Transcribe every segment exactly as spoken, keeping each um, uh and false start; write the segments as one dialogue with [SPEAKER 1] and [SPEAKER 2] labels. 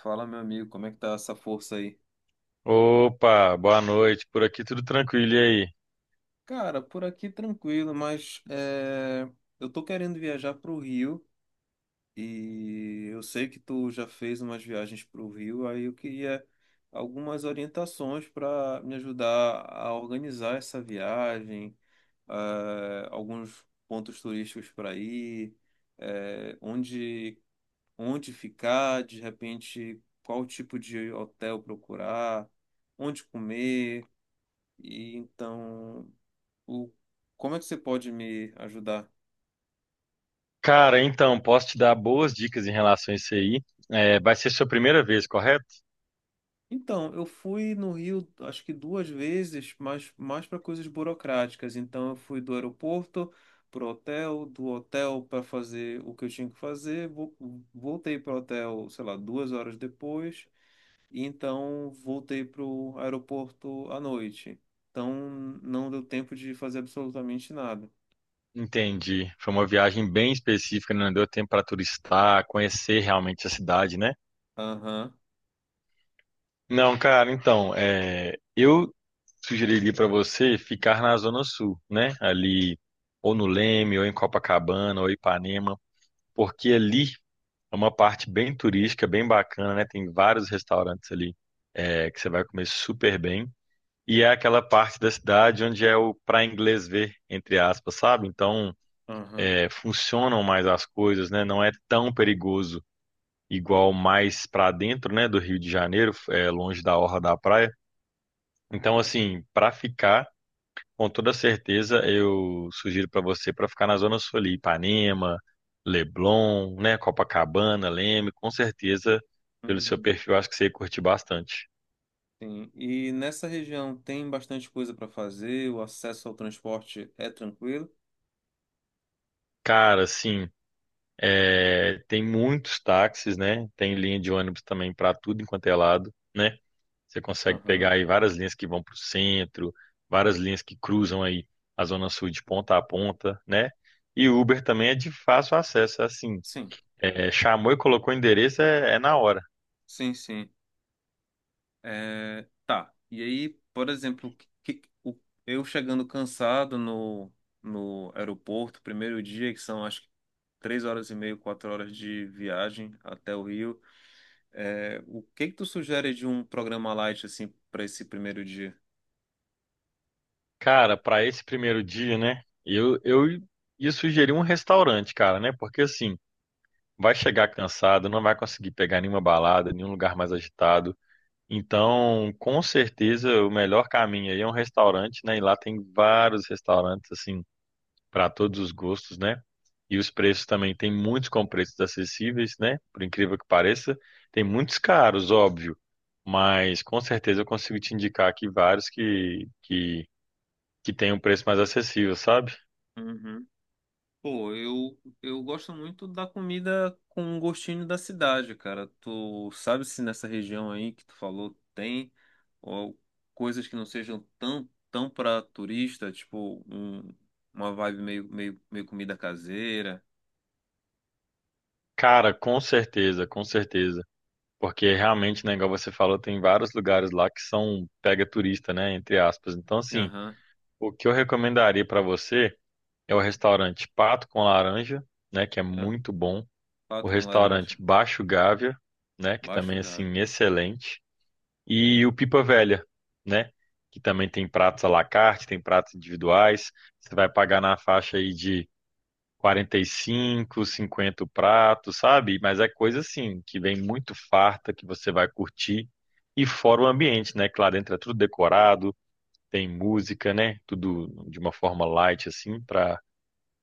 [SPEAKER 1] Fala, meu amigo, como é que tá essa força aí?
[SPEAKER 2] Opa, boa noite. Por aqui tudo tranquilo, e aí?
[SPEAKER 1] Cara, por aqui tranquilo, mas é, eu tô querendo viajar pro Rio e eu sei que tu já fez umas viagens pro Rio, aí eu queria algumas orientações para me ajudar a organizar essa viagem, é, alguns pontos turísticos para ir, é, onde, onde ficar, de repente, qual tipo de hotel procurar, onde comer. E então, o... como é que você pode me ajudar?
[SPEAKER 2] Cara, então, posso te dar boas dicas em relação a isso aí. É, vai ser sua primeira vez, correto?
[SPEAKER 1] Então, eu fui no Rio, acho que duas vezes, mas mais para coisas burocráticas. Então, eu fui do aeroporto para o hotel, do hotel para fazer o que eu tinha que fazer, vo- voltei para o hotel, sei lá, duas horas depois, e então voltei para o aeroporto à noite. Então, não deu tempo de fazer absolutamente nada.
[SPEAKER 2] Entendi. Foi uma viagem bem específica, não deu tempo para turistar, conhecer realmente a cidade, né?
[SPEAKER 1] Aham,
[SPEAKER 2] Não, cara, então, é, eu sugeriria para você ficar na Zona Sul, né? Ali, ou no Leme, ou em Copacabana, ou Ipanema, porque ali é uma parte bem turística, bem bacana, né? Tem vários restaurantes ali, é, que você vai comer super bem. E é aquela parte da cidade onde é o para inglês ver, entre aspas, sabe? Então,
[SPEAKER 1] aham.
[SPEAKER 2] é, funcionam mais as coisas, né? Não é tão perigoso igual mais para dentro, né, do Rio de Janeiro, é, longe da orla da praia. Então, assim, para ficar com toda certeza, eu sugiro para você para ficar na Zona Sul ali, Ipanema, Leblon, né, Copacabana, Leme, com certeza, pelo seu perfil, acho que você ia curtir bastante.
[SPEAKER 1] Sim, e nessa região tem bastante coisa para fazer, o acesso ao transporte é tranquilo?
[SPEAKER 2] Cara, assim, é, tem muitos táxis, né? Tem linha de ônibus também para tudo enquanto é lado, né? Você consegue pegar
[SPEAKER 1] Aham.
[SPEAKER 2] aí várias linhas que vão para o centro, várias linhas que cruzam aí a Zona Sul de ponta a ponta, né? E Uber também é de fácil acesso, assim.
[SPEAKER 1] Sim,
[SPEAKER 2] É, chamou e colocou o endereço, é é na hora.
[SPEAKER 1] sim, sim. É, tá, e aí, por exemplo, o que- o- eu chegando cansado no, no aeroporto, primeiro dia, que são acho que três horas e meia, quatro horas de viagem até o Rio, é, o que que tu sugere de um programa light, assim, para esse primeiro dia?
[SPEAKER 2] Cara, para esse primeiro dia, né? Eu, eu ia sugerir um restaurante, cara, né? Porque assim, vai chegar cansado, não vai conseguir pegar nenhuma balada, nenhum lugar mais agitado. Então, com certeza, o melhor caminho aí é um restaurante, né? E lá tem vários restaurantes, assim, para todos os gostos, né? E os preços também, tem muitos com preços acessíveis, né? Por incrível que pareça, tem muitos caros, óbvio. Mas com certeza eu consigo te indicar aqui vários que, que que tem um preço mais acessível, sabe?
[SPEAKER 1] Pô, eu, eu gosto muito da comida com um gostinho da cidade, cara. Tu sabe se nessa região aí que tu falou tem ó, coisas que não sejam tão, tão pra turista, tipo um- uma vibe meio, meio, meio comida caseira.
[SPEAKER 2] Cara, com certeza, com certeza. Porque realmente, né, igual você falou, tem vários lugares lá que são pega turista, né, entre aspas. Então, assim,
[SPEAKER 1] Aham.
[SPEAKER 2] o que eu recomendaria pra você é o restaurante Pato com Laranja, né, que é
[SPEAKER 1] É,
[SPEAKER 2] muito bom. O
[SPEAKER 1] pato com
[SPEAKER 2] restaurante
[SPEAKER 1] laranja,
[SPEAKER 2] Baixo Gávea, né, que
[SPEAKER 1] baixo
[SPEAKER 2] também, assim,
[SPEAKER 1] Gabi.
[SPEAKER 2] excelente. E o Pipa Velha, né, que também tem pratos à la carte, tem pratos individuais. Você vai pagar na faixa aí de quarenta e cinco, cinquenta o prato, sabe? Mas é coisa assim, que vem muito farta, que você vai curtir. E fora o ambiente, né? Claro, dentro é tudo decorado, tem música, né? Tudo de uma forma light, assim, para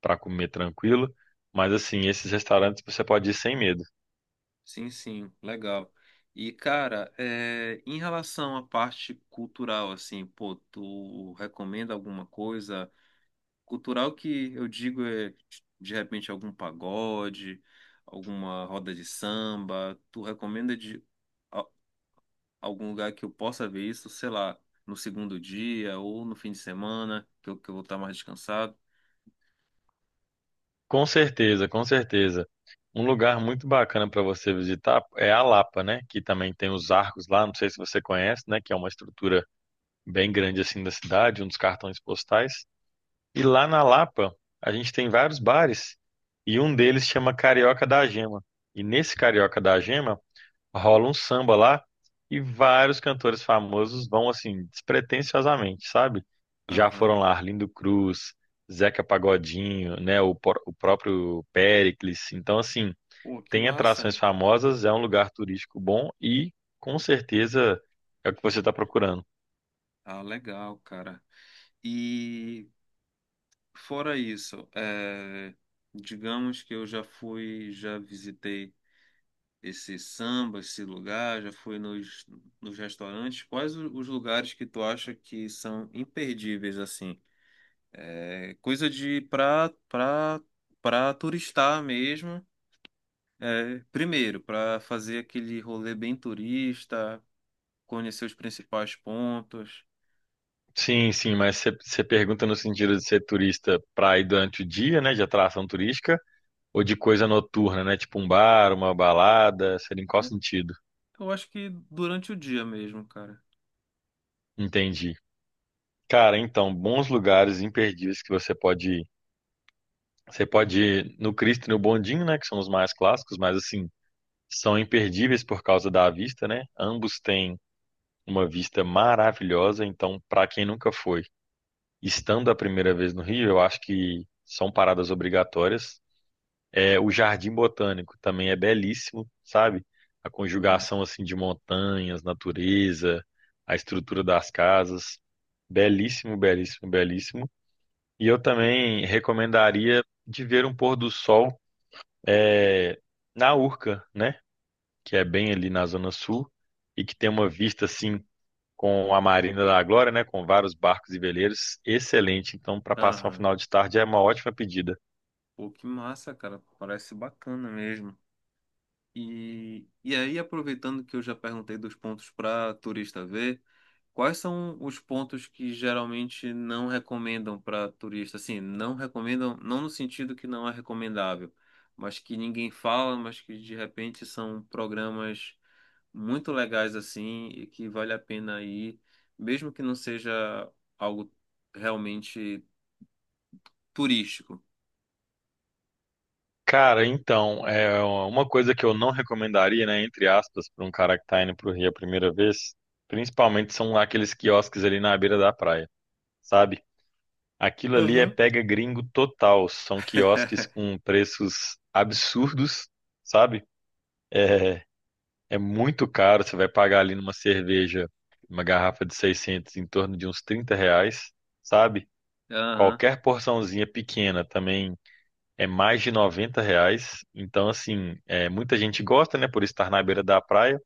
[SPEAKER 2] para comer tranquilo. Mas, assim, esses restaurantes você pode ir sem medo.
[SPEAKER 1] Sim, sim, legal. E, cara, é, em relação à parte cultural, assim, pô, tu recomenda alguma coisa? Cultural que eu digo é, de repente, algum pagode, alguma roda de samba. Tu recomenda de a- algum lugar que eu possa ver isso, sei lá, no segundo dia ou no fim de semana, que eu, que eu vou estar mais descansado?
[SPEAKER 2] Com certeza, com certeza. Um lugar muito bacana para você visitar é a Lapa, né? Que também tem os arcos lá, não sei se você conhece, né? Que é uma estrutura bem grande, assim, da cidade, um dos cartões postais. E lá na Lapa, a gente tem vários bares e um deles chama Carioca da Gema. E nesse Carioca da Gema rola um samba lá e vários cantores famosos vão assim despretensiosamente, sabe? Já foram
[SPEAKER 1] Aham.
[SPEAKER 2] lá Arlindo Cruz, Zeca Pagodinho, né, o, por- o próprio Péricles. Então assim,
[SPEAKER 1] Pô, que
[SPEAKER 2] tem
[SPEAKER 1] massa.
[SPEAKER 2] atrações famosas, é um lugar turístico bom e com certeza é o que você está procurando.
[SPEAKER 1] Ah, legal, cara. E fora isso, é, digamos que eu já fui, já visitei esse samba, esse lugar, já foi nos, nos restaurantes. Quais o- os lugares que tu acha que são imperdíveis, assim? É coisa de pra, pra, pra turistar mesmo. É, primeiro, para fazer aquele rolê bem turista, conhecer os principais pontos.
[SPEAKER 2] Sim, sim, mas você você pergunta no sentido de ser turista pra ir durante o dia, né, de atração turística, ou de coisa noturna, né, tipo um bar, uma balada, seria em qual
[SPEAKER 1] Né?
[SPEAKER 2] sentido?
[SPEAKER 1] Eu acho que durante o dia mesmo, cara.
[SPEAKER 2] Entendi. Cara, então, bons lugares imperdíveis que você pode ir. Você pode ir no Cristo e no Bondinho, né, que são os mais clássicos, mas assim, são imperdíveis por causa da vista, né? Ambos têm uma vista maravilhosa, então, pra quem nunca foi, estando a primeira vez no Rio, eu acho que são paradas obrigatórias. É, o Jardim Botânico também é belíssimo, sabe? A
[SPEAKER 1] Uhum.
[SPEAKER 2] conjugação assim de montanhas, natureza, a estrutura das casas, belíssimo, belíssimo, belíssimo. E eu também recomendaria de ver um pôr do sol, é, na Urca, né? Que é bem ali na Zona Sul e que tem uma vista assim com a Marina da Glória, né? Com vários barcos e veleiros, excelente. Então, para passar um
[SPEAKER 1] Aham.
[SPEAKER 2] final de tarde é uma ótima pedida.
[SPEAKER 1] Pô, que massa, cara. Parece bacana mesmo. E, e aí, aproveitando que eu já perguntei dos pontos para turista ver, quais são os pontos que geralmente não recomendam para turista? Assim, não recomendam, não no sentido que não é recomendável, mas que ninguém fala, mas que de repente são programas muito legais assim e que vale a pena ir, mesmo que não seja algo realmente turístico.
[SPEAKER 2] Cara, então, é uma coisa que eu não recomendaria, né, entre aspas, para um cara que tá indo pro Rio a primeira vez, principalmente são aqueles quiosques ali na beira da praia, sabe? Aquilo ali é
[SPEAKER 1] Aham.
[SPEAKER 2] pega gringo total, são quiosques com preços absurdos, sabe? É, é muito caro, você vai pagar ali numa cerveja, uma garrafa de seiscentos em torno de uns trinta reais, sabe?
[SPEAKER 1] Aham,
[SPEAKER 2] Qualquer porçãozinha pequena também é mais de noventa reais. Então, assim, é, muita gente gosta, né, por estar na beira da praia,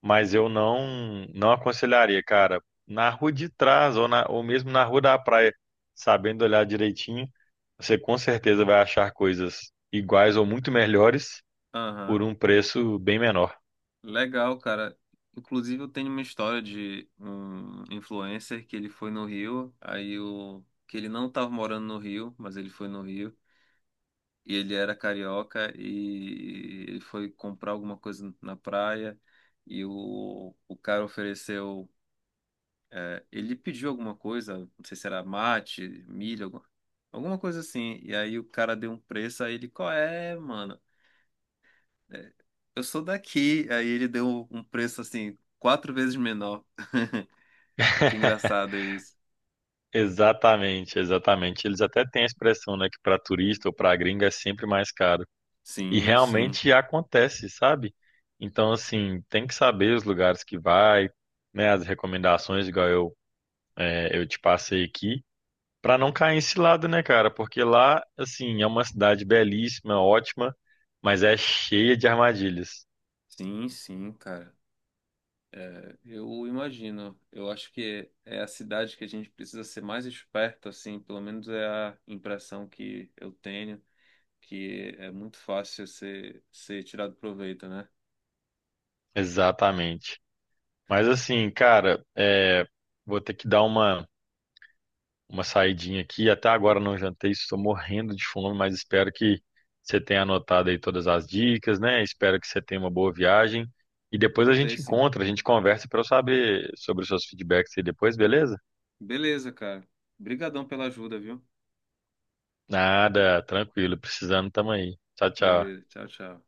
[SPEAKER 2] mas eu não não aconselharia, cara, na rua de trás ou, na- ou mesmo na rua da praia, sabendo olhar direitinho, você com certeza vai achar coisas iguais ou muito melhores por
[SPEAKER 1] aham.
[SPEAKER 2] um preço bem menor.
[SPEAKER 1] Legal, cara. Inclusive, eu tenho uma história de um influencer que ele foi no Rio, aí o que ele não estava morando no Rio, mas ele foi no Rio, e ele era carioca e ele foi comprar alguma coisa na praia e o, o cara ofereceu, é, ele pediu alguma coisa, não sei se era mate, milho, alguma alguma coisa assim, e aí o cara deu um preço, aí ele, qual é, mano? É, eu sou daqui. Aí ele deu um preço assim, quatro vezes menor. Muito engraçado isso.
[SPEAKER 2] Exatamente, exatamente. Eles até têm a expressão, né, que para turista ou para gringa é sempre mais caro. E
[SPEAKER 1] Sim, sim.
[SPEAKER 2] realmente acontece, sabe? Então, assim, tem que saber os lugares que vai, né? As recomendações, igual eu, é, eu te passei aqui, para não cair em cilada, né, cara? Porque lá, assim, é uma cidade belíssima, ótima, mas é cheia de armadilhas.
[SPEAKER 1] Sim, sim, cara. É, eu imagino. Eu acho que é a cidade que a gente precisa ser mais esperto, assim. Pelo menos é a impressão que eu tenho, que é muito fácil ser, ser tirado proveito, né?
[SPEAKER 2] Exatamente. Mas, assim, cara, é, vou ter que dar uma. Uma saidinha aqui. Até agora não jantei, estou morrendo de fome, mas espero que você tenha anotado aí todas as dicas, né? Espero que você tenha uma boa viagem. E depois a
[SPEAKER 1] Anotei,
[SPEAKER 2] gente
[SPEAKER 1] sim.
[SPEAKER 2] encontra, a gente conversa para eu saber sobre os seus feedbacks aí depois, beleza?
[SPEAKER 1] Beleza, cara. Obrigadão pela ajuda, viu?
[SPEAKER 2] Nada, tranquilo, precisando, tamo aí. Tchau, tchau.
[SPEAKER 1] Beleza. Tchau, tchau.